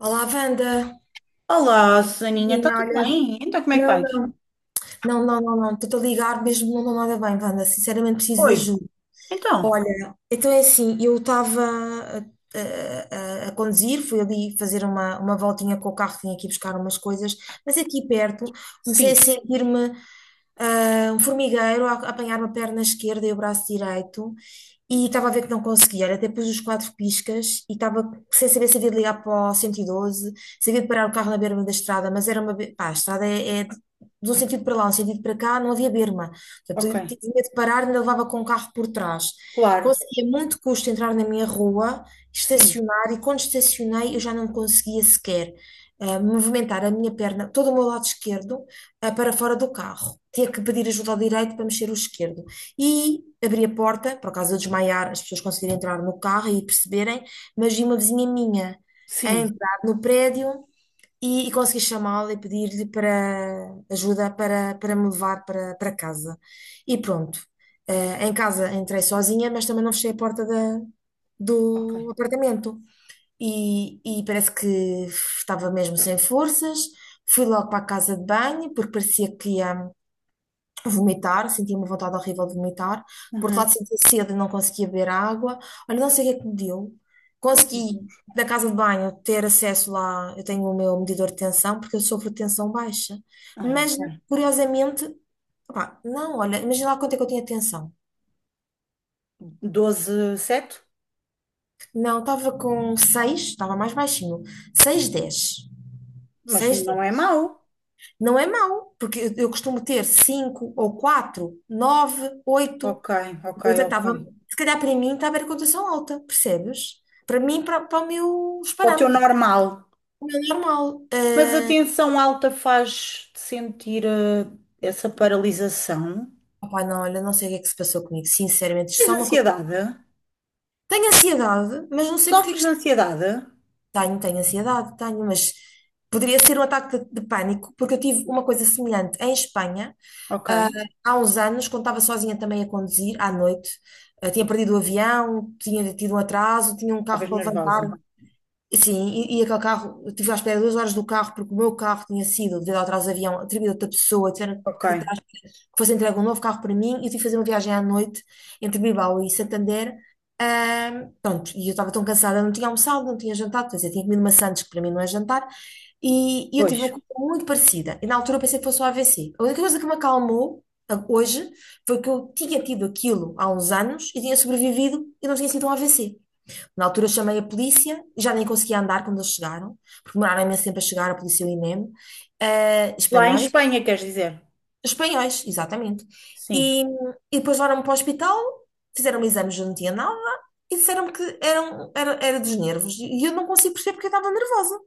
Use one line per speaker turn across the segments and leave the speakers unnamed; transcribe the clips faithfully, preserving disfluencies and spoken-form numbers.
Olá, Wanda.
Olá, Saninha, está
Minha
tudo
olha.
bem? Então, como é que
Não,
vais?
não, não, não, não, não. Estou a ligar mesmo, não estou nada bem, Wanda. Sinceramente, preciso de
Oi,
ajuda.
então,
Olha, então é assim, eu estava a, a- a- conduzir, fui ali fazer uma, uma voltinha com o carro, vim aqui buscar umas coisas, mas aqui perto comecei a
sim,
sentir-me ah, um formigueiro a, a apanhar-me a perna esquerda e o braço direito, e estava a ver que não conseguia. Olha, até pus os quatro piscas e estava sem saber se havia de ligar para o um um dois, se havia de parar o carro na berma da estrada, mas era uma... be- Pá, a estrada é, é de de um sentido para lá, um sentido para cá, não havia berma.
ok,
Portanto, tinha medo de parar, ainda levava com o carro por trás.
claro,
Consegui a muito custo entrar na minha rua,
sim,
estacionar, e quando estacionei eu já não conseguia sequer ah, movimentar a minha perna, todo o meu lado esquerdo, ah, para fora do carro. Tinha que pedir ajuda ao direito para mexer o esquerdo. E abri a porta, por acaso eu desmaiar, as pessoas conseguirem entrar no carro e perceberem, mas vi uma vizinha minha a
sim,
entrar no prédio, e, e consegui chamá-la e pedir-lhe para ajuda para, para me levar para, para casa. E pronto, eh, em casa entrei sozinha, mas também não fechei a porta da-
ok.
do apartamento. E, e parece que estava mesmo sem forças. Fui logo para a casa de banho, porque parecia que ia vomitar, sentia uma vontade horrível de vomitar. Por outro lado,
Uhum.
sentia sede e não conseguia beber água. Olha, não sei o que é que me deu.
Ai, meu
Consegui,
Deus.
na casa de banho, ter acesso lá. Eu tenho o meu medidor de tensão, porque eu sofro de tensão baixa.
Ah,
Mas,
ok.
curiosamente, opá, não, olha, imagina lá quanto é que eu tinha tensão.
doze, sete,
Não, estava com seis, estava mais baixinho. Seis dez,
mas
seis
não é
dez.
mau.
Não é mau, porque eu, eu costumo ter cinco ou quatro, nove, oito.
Ok, ok,
Eu
ok.
tentava, se calhar para mim estava a cotação alta, percebes? Para mim, para, para o meu, os
O teu
parâmetros.
normal.
O meu normal.
Mas a
Eh,
tensão alta faz-te sentir eh, essa paralisação.
opá, não, olha, não sei o que é que se passou comigo, sinceramente. Isto é
Tens
só uma coisa.
ansiedade?
Tenho ansiedade, mas não sei porque é que.
Sofres de
isto-
ansiedade?
Tenho, tenho ansiedade, tenho, mas poderia ser um ataque de, de pânico, porque eu tive uma coisa semelhante em Espanha.
Ok,
Ah, há uns anos, quando estava sozinha também a conduzir, à noite, ah, tinha perdido o avião, tinha tido um atraso, tinha um carro
talvez
para levantar.
nervosa.
E sim, e, e aquele carro, eu estive à espera duas horas do carro, porque o meu carro tinha sido, devido ao atraso do avião, atribuído a outra pessoa, tiveram
Ok,
que estar. Foi-se entregue um novo carro para mim e eu tive que fazer uma viagem à noite entre Bilbao e Santander. Ahm, pronto, e eu estava tão cansada, não tinha almoçado, não tinha jantado, quer dizer, tinha comido maçãs, que para mim não é jantar, e, e eu tive uma
pois.
coisa muito parecida. E na altura eu pensei que fosse o A V C. A única coisa que me acalmou a- hoje foi que eu tinha tido aquilo há uns anos e tinha sobrevivido e não tinha sido um A V C. Na altura eu chamei a polícia, já nem conseguia andar quando eles chegaram, porque demoraram imenso tempo a chegar, a polícia e o INEM, eh,
Lá em
espanhóis,
Espanha, queres dizer?
espanhóis, exatamente.
Sim.
E, e depois levaram-me para o hospital, fizeram-me exames, eu não tinha nada, e disseram-me que eram, era, era dos nervos. E eu não consigo perceber porque eu estava nervosa.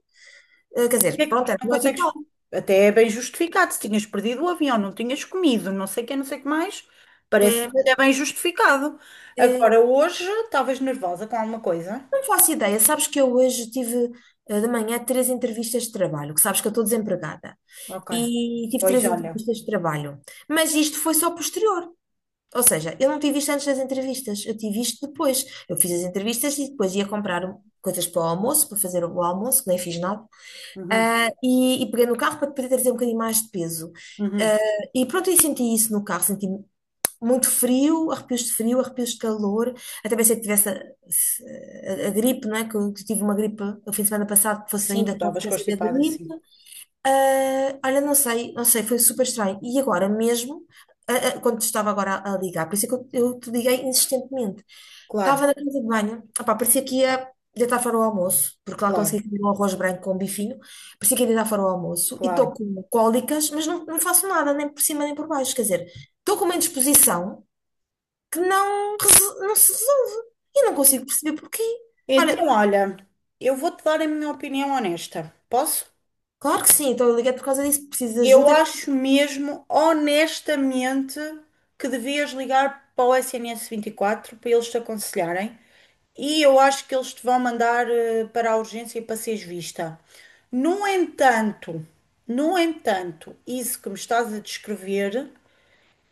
Eh, Quer
Porque
dizer,
é que
pronto, era
não
noite e
consegues?
tal.
Até é bem justificado. Se tinhas perdido o avião, não tinhas comido, não sei o que, não sei o que mais, parece
Eh, mas,
até bem justificado.
eh,
Agora, hoje, estavas nervosa com alguma coisa?
não faço ideia. Sabes que eu hoje tive eh, de manhã três entrevistas de trabalho, que sabes que eu estou desempregada.
Ok.
E tive
Pois
três
olha.
entrevistas de trabalho. Mas isto foi só posterior. Ou seja, eu não tive isto antes das entrevistas, eu tive isto depois. Eu fiz as entrevistas e depois ia comprar um, coisas para o almoço, para fazer o almoço, que nem fiz nada.
Uhum,
Ah, e, e peguei no carro para poder trazer um bocadinho mais de peso.
uhum.
Ah, e pronto, eu senti isso no carro, senti muito frio, arrepios de frio, arrepios de calor. Até pensei que tivesse a, a- a gripe, não é? Que eu que eu tive uma gripe no fim de semana passado, que fosse
Sim, tu
ainda a
estavas
consequência da
constipada,
gripe.
sim.
Ah, Olha, não sei, não sei, foi super estranho. E agora mesmo, ah, ah, quando te estava agora a a ligar, por isso é que eu, eu te liguei insistentemente.
Claro,
Estava na casa de banho, opá, parecia que ia deitar fora o almoço, porque lá
claro,
consegui comer um arroz branco com bifinho, parecia que ia deitar fora o almoço e estou
claro.
com cólicas, mas não, não faço nada, nem por cima nem por baixo. Quer dizer, estou com uma indisposição que não, reso- não se resolve e não consigo perceber porquê. Olha,
Então, olha, eu vou-te dar a minha opinião honesta. Posso?
claro que sim, então eu liguei por causa disso, preciso de
Eu
ajuda.
acho mesmo, honestamente, que devias ligar para o S N S quatro, para eles te aconselharem. E eu acho que eles te vão mandar eh, para a urgência para seres vista. No entanto, no entanto, isso que me estás a descrever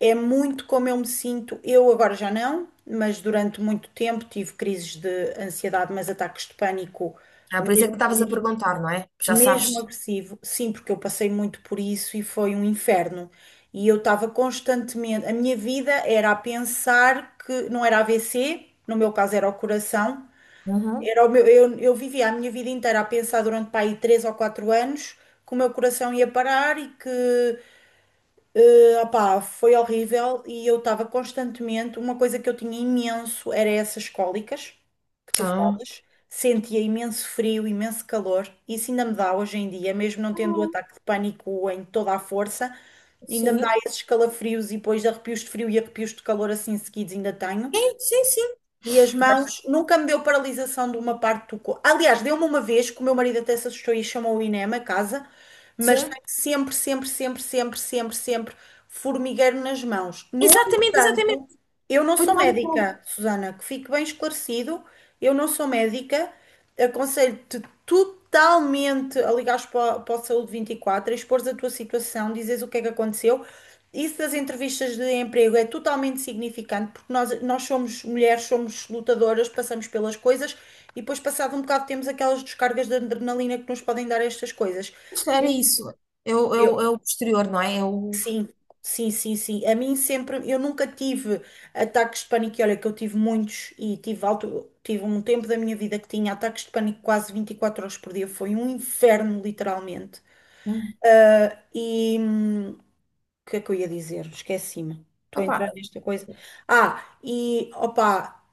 é muito como eu me sinto. Eu agora já não, mas durante muito tempo tive crises de ansiedade, mas ataques de pânico
Ah, por isso é que me estavas a perguntar, não é? Já sabes.
mesmo agressivo, sim, porque eu passei muito por isso e foi um inferno. E eu estava constantemente, a minha vida era a pensar que não era A V C, no meu caso era o coração,
Uhum.
era o meu, eu, eu vivia a minha vida inteira a pensar durante pá, aí três ou quatro anos que o meu coração ia parar e que eh, opá, foi horrível e eu estava constantemente. Uma coisa que eu tinha imenso era essas cólicas que tu
Ah,
falas. Sentia imenso frio, imenso calor. Isso ainda me dá hoje em dia, mesmo não tendo o
Hum.
ataque de pânico em toda a força, ainda me dá
Sim.
esses calafrios e depois arrepios de frio e arrepios de calor assim seguidos ainda tenho.
Sim, sim, sim.
E as mãos nunca me deu paralisação de uma parte do corpo. Aliás, deu-me uma vez que o meu marido até se assustou e chamou o INEM a casa, mas
Sim.
tenho sempre, sempre, sempre, sempre, sempre, sempre formigueiro nas mãos. No
Exatamente, exatamente.
entanto, eu não
Foi
sou
tal e qual.
médica, Susana, que fique bem esclarecido, eu não sou médica, aconselho-te totalmente a ligares para, para o Saúde vinte e quatro, a expores a tua situação, dizes o que é que aconteceu. Isso das entrevistas de emprego é totalmente significante, porque nós, nós somos mulheres, somos lutadoras, passamos pelas coisas e depois, passado um bocado, temos aquelas descargas de adrenalina que nos podem dar estas coisas.
Era isso. Eu,
Eu,
eu, eu posterior, não é? Eu.
Sim, sim, sim, sim. A mim sempre, eu nunca tive ataques de pânico, e olha que eu tive muitos e tive alto, tive um tempo da minha vida que tinha ataques de pânico quase vinte e quatro horas por dia, foi um inferno, literalmente. E hum, o que é que eu ia dizer? Esqueci-me. Estou a entrar nesta coisa. Ah, e opá,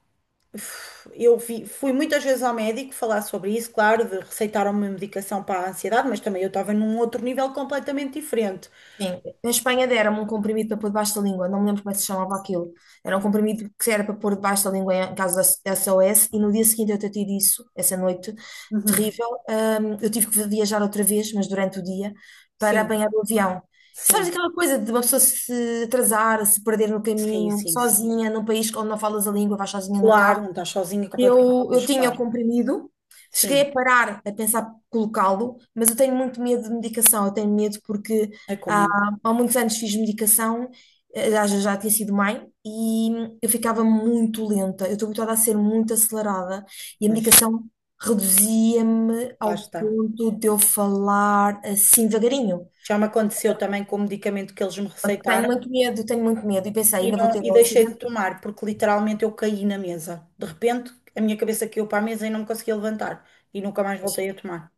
uf, eu vi- fui muitas vezes ao médico falar sobre isso, claro, de receitaram uma medicação para a ansiedade, mas também eu estava num outro nível completamente diferente.
Sim, na Espanha deram-me um comprimido para pôr debaixo da língua, não me lembro como é que se chamava aquilo. Era um comprimido que era para pôr debaixo da língua em caso da S O S, e no dia seguinte eu tentei isso. Essa noite
Uhum.
terrível. hum, eu tive que viajar outra vez, mas durante o dia, para
Sim,
apanhar o avião. Sabes
sim,
aquela coisa de uma pessoa se atrasar, se perder no
sim,
caminho,
sim, sim.
sozinha, num país onde não falas a língua, vais sozinha no
Claro,
carro?
não estás sozinha completamente,
Eu, eu
mas
tinha o
claro,
comprimido, cheguei
sim,
a parar a pensar colocá-lo, mas eu tenho muito medo de medicação. Eu tenho medo porque
é como
há,
eu,
há muitos anos fiz medicação, eh, já, já já tinha sido mãe, e eu ficava muito lenta. Eu estou habituada a ser muito acelerada e a
pois,
medicação reduzia-me
lá
ao
está.
ponto de eu falar assim devagarinho.
Já me aconteceu também com o medicamento que eles me
Tenho
receitaram
muito medo, tenho muito medo. E pensei,
e,
ainda vou
não,
ter
e
um
deixei de
acidente.
tomar, porque literalmente eu caí na mesa. De repente, a minha cabeça caiu para a mesa e não me conseguia levantar e nunca mais voltei a tomar.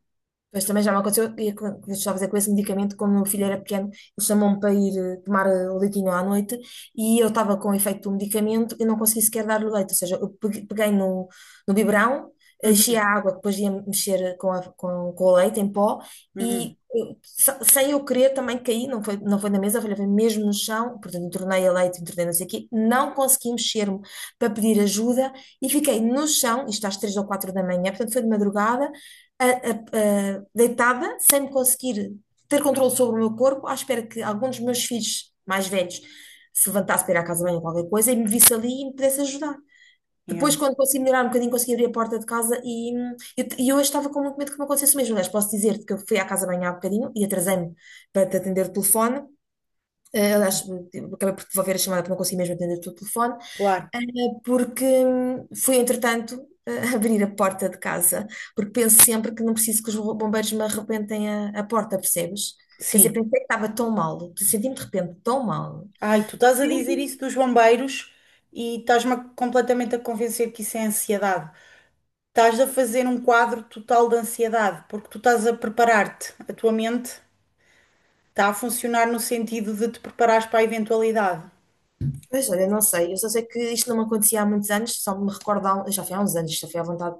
Pois também já me aconteceu, e com- com- estava a dizer com esse medicamento, quando o meu filho era pequeno, ele chamou-me para ir eh, tomar eh, o leitinho à noite, e eu estava com o efeito do medicamento e não consegui sequer dar-lhe o leite. Ou seja, eu pegue- peguei no, no, biberão, eh, enchi
Uhum,
a água que depois ia mexer com, a- com, com o leite em pó,
uhum,
e eu, se- sem eu querer também caí, não foi, não foi na mesa, foi mesmo no chão, portanto, entornei a leite, entornei não sei o quê, não consegui mexer-me para pedir ajuda e fiquei no chão, isto às três ou quatro da manhã, portanto foi de madrugada, a- a- a- deitada, sem me conseguir ter controle sobre o meu corpo, à espera que algum dos meus filhos mais velhos se levantasse para ir à casa de banho ou qualquer coisa e me visse ali e me pudesse ajudar.
yeah,
Depois, quando consegui melhorar um bocadinho, consegui abrir a porta de casa e, hum, eu, e hoje estava com muito medo que me acontecesse o mesmo. Aliás, posso dizer-te que eu fui à casa de banho há bocadinho e atrasei-me para te atender o telefone. eh, Aliás, acabei por devolver a chamada porque não consegui mesmo atender o teu telefone,
claro,
eh, porque hum, fui, entretanto, eh, abrir a porta de casa, porque penso sempre que não preciso que os bombeiros me arrebentem a, a porta, percebes? Quer dizer,
sim.
pensei que estava tão mal, senti-me de repente tão mal.
Ai, tu estás a dizer isso dos bombeiros e estás-me a- completamente a convencer que isso é ansiedade. Estás a fazer um quadro total de ansiedade, porque tu estás a preparar-te, a tua mente. Está a funcionar no sentido de te preparares para a eventualidade.
Pois, olha, não sei. Eu só sei que isto não me acontecia há muitos anos, só me recordo, há um- já foi há uns anos, já foi à vontade,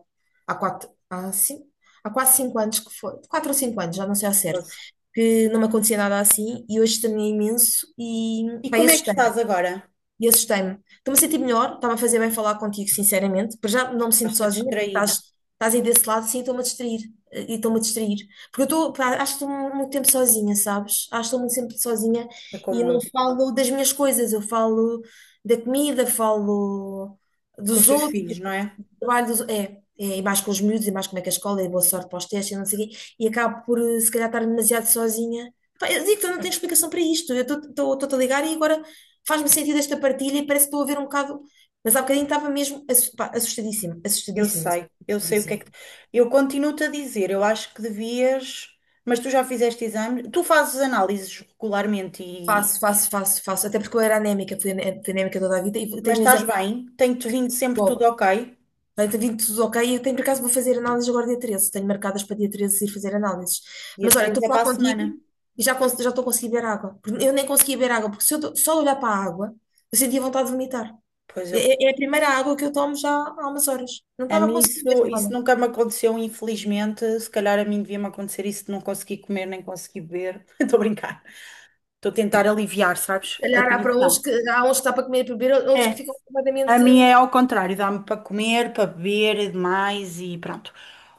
há quatro, há cinco, há quase cinco anos que foi, quatro ou cinco anos, já não sei ao certo,
Pois.
que não me acontecia nada assim e hoje também imenso e
E
vai
como é que
assustar.
estás agora?
E assustei-me. Estou-me a sentir melhor, estava a fazer bem falar contigo, sinceramente. Para já não me sinto
Estás-te
sozinha, porque
distrair,
estás, estás aí desse lado, sim, estou-me a distrair. eh, E estou-me a distrair. Porque eu estou, pá, acho que estou muito tempo sozinha, sabes? Acho que estou muito sempre sozinha
é
e
como
não
eu,
falo das minhas coisas. Eu falo da comida, falo
com os
dos
teus
outros,
filhos, não é?
trabalho dos, é, é, e mais com os miúdos, e mais como é que a escola, e boa sorte para os testes, e não sei o quê, e acabo por, eh, se calhar, estar demasiado sozinha. Pá, eu digo que eu não tenho explicação para isto, eu estou-te a ligar e agora faz-me sentido esta partilha e parece que estou a ver um bocado, mas há bocadinho estava mesmo assu- pá, assustadíssima,
Eu
assustadíssima,
sei, eu sei o que é
assustadíssima.
que. Eu continuo-te a dizer, eu acho que devias, mas tu já fizeste exames, tu fazes análises regularmente e.
Faço, faço, faço, faço, até porque eu era anémica, fui ané- fui anémica toda a vida e
Mas
tenho um
estás
exame.
bem, tem-te vindo sempre tudo ok.
Vai ter vindo tudo ok. Eu tenho, por acaso, vou fazer análises agora dia treze. Tenho marcadas para dia treze ir fazer análises.
Dia
Mas olha,
três
estou a
é
falar
para a semana.
contigo e já, cons- já estou a conseguir beber água. Porque eu nem conseguia beber água, porque se eu do- só de olhar para a água, eu sentia vontade de vomitar.
Pois eu.
É, é é a primeira água que eu tomo já há umas horas. Não
A
estava a
mim
conseguir
isso,
mesmo,
isso
Vana.
nunca me aconteceu, infelizmente. Se calhar a mim devia-me acontecer isso de não conseguir comer nem conseguir beber. Estou a brincar. Estou a tentar aliviar,
Se
sabes? A
calhar há para uns
tensão.
que há uns que dá para comer e beber, outros que
É.
ficam
A
completamente.
minha é ao contrário, dá-me para comer, para beber demais e pronto.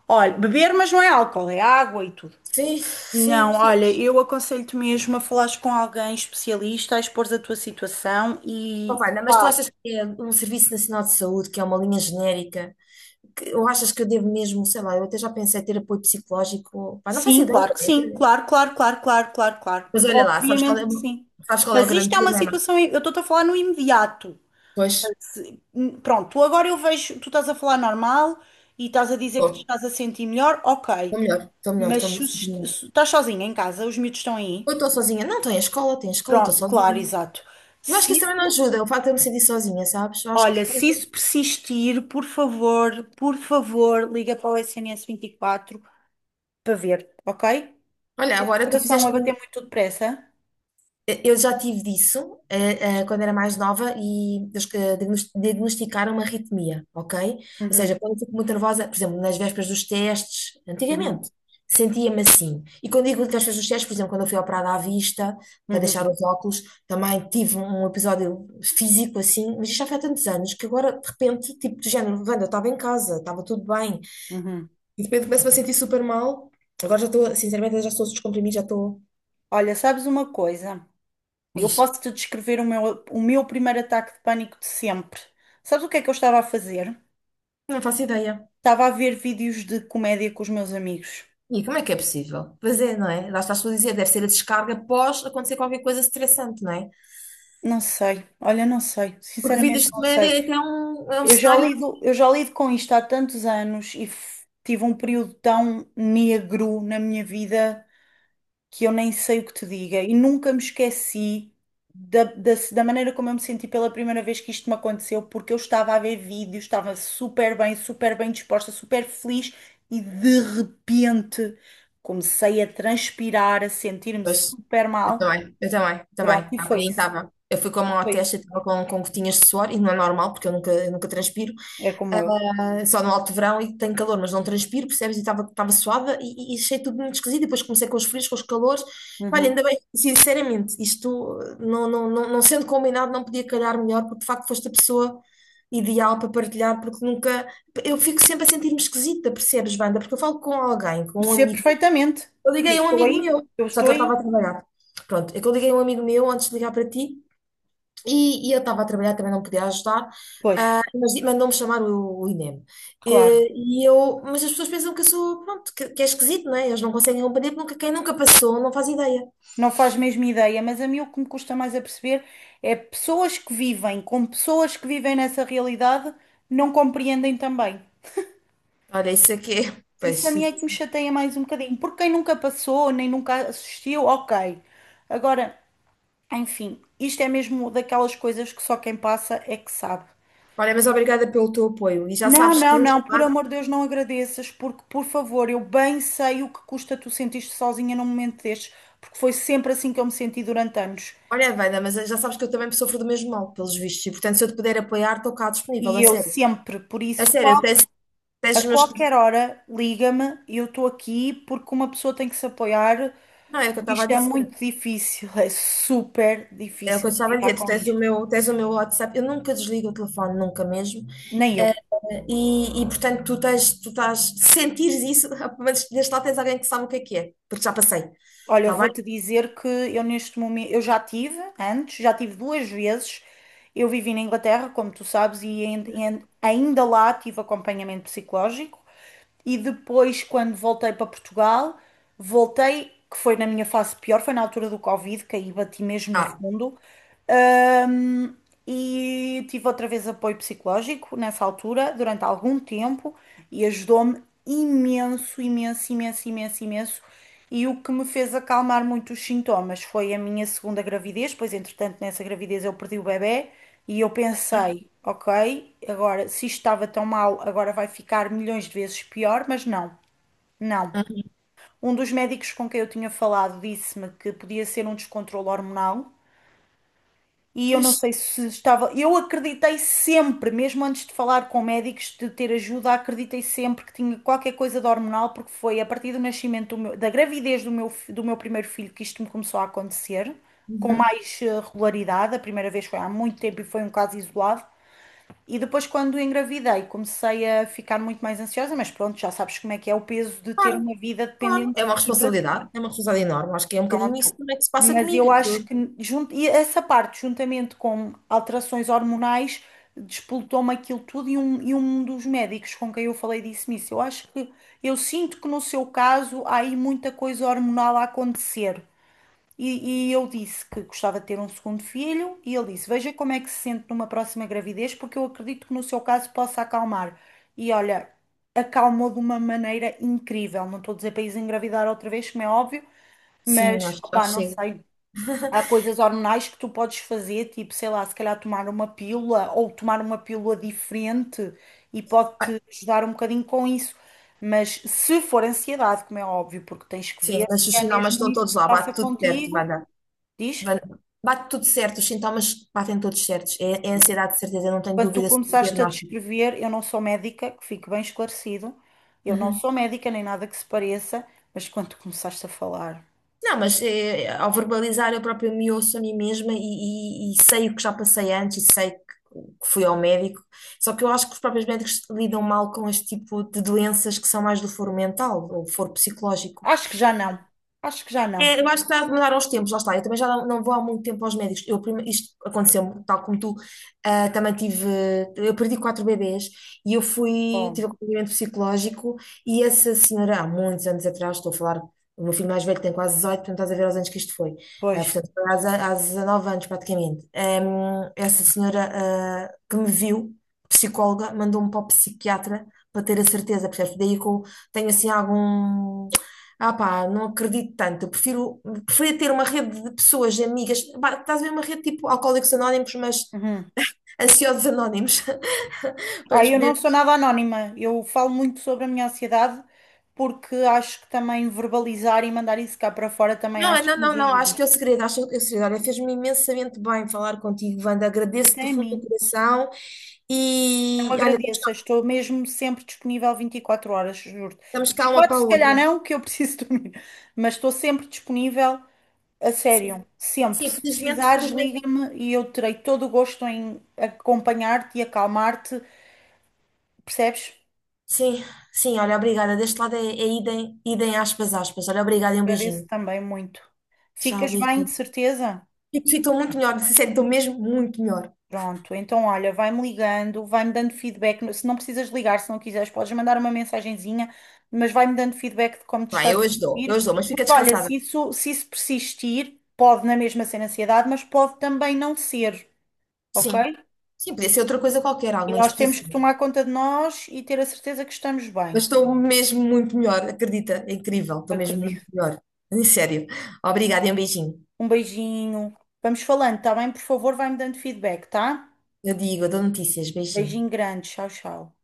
Olha, beber, mas não é álcool, é água e tudo.
Sim, sim,
Não,
sim.
olha, eu aconselho-te mesmo a falares com alguém especialista, a expor a tua situação
Bom,
e.
Vana, mas tu
Pá,
achas que é um Serviço Nacional de Saúde, que é uma linha genérica? que- Ou achas que eu devo mesmo, sei lá, eu até já pensei em ter apoio psicológico, pá, não faço
sim,
ideia,
claro que sim,
né?
claro, claro, claro, claro, claro, claro.
Mas olha lá, sabes qual
Obviamente
é,
que
o-
sim.
sabes qual é o
Mas isto
grande
é uma
problema?
situação, eu estou-te a falar no imediato.
Pois,
Hum, Pronto, agora eu vejo, tu estás a falar normal e estás a dizer que te
estou
estás a sentir melhor, ok.
melhor, estou melhor,
Mas
estou
se, os-
melhor.
se estás sozinha em casa, os miúdos estão aí.
Ou estou sozinha, não, estou em escola, estou em escola, estou
Pronto, claro,
sozinha.
exato.
Eu acho que
Se
isso também não
isso,
ajuda, o facto de eu me sentir sozinha, sabes? Eu acho que,
Olha, se isso persistir, por favor, por favor, liga para o S N S vinte e quatro para ver, ok?
olha, agora tu
Coração a
fizeste.
bater muito depressa.
Eu já tive disso, eh, eh, quando era mais nova e eles que diagnos- diagnosticaram uma arritmia, ok? Ou
Uhum,
seja, quando eu fico muito nervosa, por exemplo, nas vésperas dos testes,
uhum,
antigamente, sentia-me assim. E quando digo nas vésperas dos testes, por exemplo, quando eu fui operada à vista, para deixar
uhum,
os óculos, também tive um episódio físico assim, mas isto já foi há tantos anos que agora, de repente, tipo, do género, Wanda, eu estava em casa, estava tudo bem,
uhum.
e de repente começo-me a sentir super mal. Agora já estou, sinceramente, já estou a descomprimir, já estou.
Olha, sabes uma coisa? Eu
Diz.
posso-te descrever o meu, o meu primeiro ataque de pânico de sempre. Sabes o que é que eu estava a fazer?
Não faço ideia.
Estava a ver vídeos de comédia com os meus amigos.
E como é que é possível? Pois é, não é? Lá estás tu a dizer, deve ser a descarga após acontecer qualquer coisa estressante, não é?
Não sei, olha, não sei,
Porque
sinceramente
vidas de
não
média
sei.
é que é um, é um
Eu já
cenário.
lido, eu já lido com isto há tantos anos e f- tive um período tão negro na minha vida. Que eu nem sei o que te diga e nunca me esqueci da, da, da maneira como eu me senti pela primeira vez que isto me aconteceu, porque eu estava a ver vídeos, estava super bem, super bem disposta, super feliz e de repente comecei a transpirar, a sentir-me
Pois,
super
eu
mal.
também, eu também, eu também.
Pronto, e
Há
foi
bocadinho
isso,
estava. Eu fui com a mão à
foi isso.
testa, estava com, com gotinhas de suor, e não é normal, porque eu nunca, eu nunca transpiro.
É como eu.
Só no alto verão e tenho calor, mas não transpiro, percebes? E estava estava suada e, e achei tudo muito esquisito. E depois comecei com os frios, com os calores. Olha,
Uhum.
ainda bem, sinceramente, isto uh, não, não, não, não sendo combinado, não podia calhar melhor, porque de facto foste a pessoa ideal para partilhar, porque nunca. Eu fico sempre a sentir-me esquisita, percebes, banda? Porque eu falo com alguém, com um
Percebo
amigo.
perfeitamente.
Eu
Eu
liguei a um
estou
amigo
aí,
meu,
eu
só que
estou
ele estava a
aí.
trabalhar. Pronto, é que eu liguei a um amigo meu antes de ligar para ti. E, e eu estava a trabalhar, também não podia ajudar,
Pois,
ah, mas di- mandou-me chamar o, o INEM.
claro.
E, e eu, mas as pessoas pensam que eu sou, pronto, que, que é esquisito, não é? Eles não conseguem compreender porque nunca- quem nunca passou não faz ideia.
Não faz mesmo ideia, mas a mim o que me custa mais a perceber é pessoas que vivem com pessoas que vivem nessa realidade não compreendem também.
Olha, isso aqui é.
Isso a
Pois,
mim é
isso.
que me chateia mais um bocadinho, porque quem nunca passou, nem nunca assistiu, ok. Agora, enfim, isto é mesmo daquelas coisas que só quem passa é que sabe.
Olha, mas obrigada pelo teu apoio. E já
Não,
sabes que.
não, não, por amor de Deus, não agradeças, porque, por favor, eu bem sei o que custa tu sentir-te sozinha num momento destes, porque foi sempre assim que eu me senti durante anos.
Olha, Wanda, mas já sabes que eu também sofro do mesmo mal, pelos vistos. E portanto, se eu te puder apoiar, estou cá disponível,
E
a
eu
sério.
sempre, por
A
isso,
sério, eu
qual
tens, tens
A
os meus.
qualquer hora, liga-me, eu estou aqui porque uma pessoa tem que se apoiar,
Não, é o que eu
porque
estava a
isto é
dizer.
muito difícil, é super
É o que eu
difícil
estava a
lidar
dizer. Tu
com
tens o
isto.
meu, tens o meu WhatsApp. Eu nunca desligo o telefone, nunca mesmo.
Nem eu.
Eh, E, e, portanto, tu tens, tu estás, sentires isso, mas desde lá tens alguém que sabe o que é que é, porque já passei.
Olha, eu
Está bem?
vou-te dizer que eu neste momento, eu já tive antes, já tive duas vezes. Eu vivi na Inglaterra, como tu sabes, e ain- e ain- ainda lá tive acompanhamento psicológico. E depois, quando voltei para Portugal, voltei, que foi na minha fase pior, foi na altura do Covid, que aí bati mesmo no
Tá.
fundo. Ahm, e tive outra vez apoio psicológico nessa altura, durante algum tempo, e ajudou-me imenso, imenso, imenso, imenso, imenso. E o que me fez acalmar muito os sintomas foi a minha segunda gravidez, pois entretanto nessa gravidez eu perdi o bebê e eu pensei, ok, agora se isto estava tão mal, agora vai ficar milhões de vezes pior, mas não, não.
Uhum.
Um dos médicos com quem eu tinha falado disse-me que podia ser um descontrolo hormonal, e eu
Pois,
não sei se estava. Eu acreditei sempre, mesmo antes de falar com médicos, de ter ajuda, acreditei sempre que tinha qualquer coisa de hormonal, porque foi a partir do nascimento do meu- da gravidez do meu, fi- do meu primeiro filho que isto me começou a acontecer, com
uhum.
mais eh, regularidade. A primeira vez foi há muito tempo e foi um caso isolado. E depois, quando engravidei, comecei a ficar muito mais ansiosa, mas pronto, já sabes como é que é o peso de ter
Claro,
uma vida
claro. É
dependente
uma
e para ti.
responsabilidade, é uma responsabilidade enorme. Acho que é um bocadinho isso
Pronto.
também que se passa
Mas
comigo.
eu acho que junto, e essa parte, juntamente com alterações hormonais, despoltou-me aquilo tudo e um, e um dos médicos com quem eu falei disse-me isso. Eu acho que, eu sinto que no seu caso há aí muita coisa hormonal a acontecer. E, e eu disse que gostava de ter um segundo filho e ele disse, veja como é que se sente numa próxima gravidez, porque eu acredito que no seu caso possa acalmar. E olha, acalmou de uma maneira incrível. Não estou a dizer para isso engravidar outra vez, como é óbvio,
Sim,
mas,
acho que já
opá, não
chega.
sei. Há coisas hormonais que tu podes fazer, tipo, sei lá, se calhar tomar uma pílula ou tomar uma pílula diferente e
Ah,
pode-te ajudar um bocadinho com isso. Mas se for ansiedade, como é óbvio, porque tens que
Sim,
ver
mas
se
os
é
sintomas
mesmo
estão
isso
todos
que
lá,
passa
bate tudo certo, vai
contigo,
dar.
diz?
Bate tudo certo, os sintomas batem todos certos. É, é ansiedade, de certeza, eu não tenho
Quando tu
dúvida sobre o
começaste a
diagnóstico.
descrever, eu não sou médica, que fique bem esclarecido, eu não sou médica nem nada que se pareça, mas quando tu começaste a falar,
Não, mas eh, ao verbalizar eu própria me ouço a mim mesma e, e- e sei o que já passei antes e sei que, que fui ao médico. Só que eu acho que os próprios médicos lidam mal com este tipo de doenças que são mais do foro mental ou foro psicológico.
acho que já não, acho que já não.
É, eu acho que está a mudar aos tempos, lá está. Eu também já não, não vou há muito tempo aos médicos. Eu, prime- isto aconteceu-me, tal como tu, ah, também tive. Eu perdi quatro bebês e eu fui,
Oh,
tive acompanhamento psicológico. E essa senhora, há muitos anos atrás, estou a falar, o meu filho mais velho tem quase dezoito, portanto estás a ver aos anos que isto foi. Ah,
pois.
portanto, foi às, há dezanove anos praticamente. Ahm, essa senhora, ah, que me viu, psicóloga, mandou-me para o psiquiatra para ter a certeza, percebes? Daí que eu tenho assim algum. Ah pá, não acredito tanto. Eu prefiro, preferia ter uma rede de pessoas, de amigas. Pá, estás a ver uma rede tipo Alcoólicos Anónimos, mas
Uhum.
ansiosos anónimos. Para
Ah,
nos
eu não
poder...
sou nada anónima. Eu falo muito sobre a minha ansiedade porque acho que também verbalizar e mandar isso cá para fora também
Não, é,
acho
não,
que nos
não, não. Acho
ajuda.
que é o segredo. Acho que é o segredo. Olha, fez-me imensamente bem falar contigo, Wanda. Agradeço-te do
Até a
fundo do
mim.
coração.
Não
E olha, estamos
agradeço.
cá,
Estou mesmo sempre disponível vinte e quatro horas, juro.
estamos
Vinte
cá
e
uma
quatro
para a
se calhar
outra.
não, que eu preciso dormir. Mas estou sempre disponível, a sério.
Sim,
Sempre.
sim,
Se
felizmente,
precisares,
felizmente.
liga-me e eu terei todo o gosto em acompanhar-te e acalmar-te. Percebes?
Sim, sim, olha, obrigada. Deste lado é, é idem, idem aspas, aspas. Olha, obrigada e um
Agradeço
beijinho.
também muito.
Tchau,
Ficas bem, de
beijinho.
certeza?
Tipo, ficam muito melhor, se sentem mesmo muito melhor.
Pronto, então olha, vai-me ligando, vai-me dando feedback. Se não precisas ligar, se não quiseres, podes mandar uma mensagenzinha, mas vai-me dando feedback de como te
Não é?
estás
Eu
a
as dou, eu
sentir.
as dou, mas fica
Porque olha,
descansada.
se isso, se isso persistir, pode na mesma ser ansiedade, mas pode também não ser,
Sim.
ok?
Sim, podia ser outra coisa qualquer,
E
alguma
nós temos que
disposição.
tomar conta de nós e ter a certeza que estamos bem.
Mas estou mesmo muito melhor, acredita? É incrível, estou mesmo muito
Acredito.
melhor. Em sério. Obrigada e um beijinho.
Um beijinho. Vamos falando, tá bem? Por favor, vai-me dando feedback, tá?
Eu digo, eu dou notícias, beijinho.
Beijinho grande. Tchau, tchau.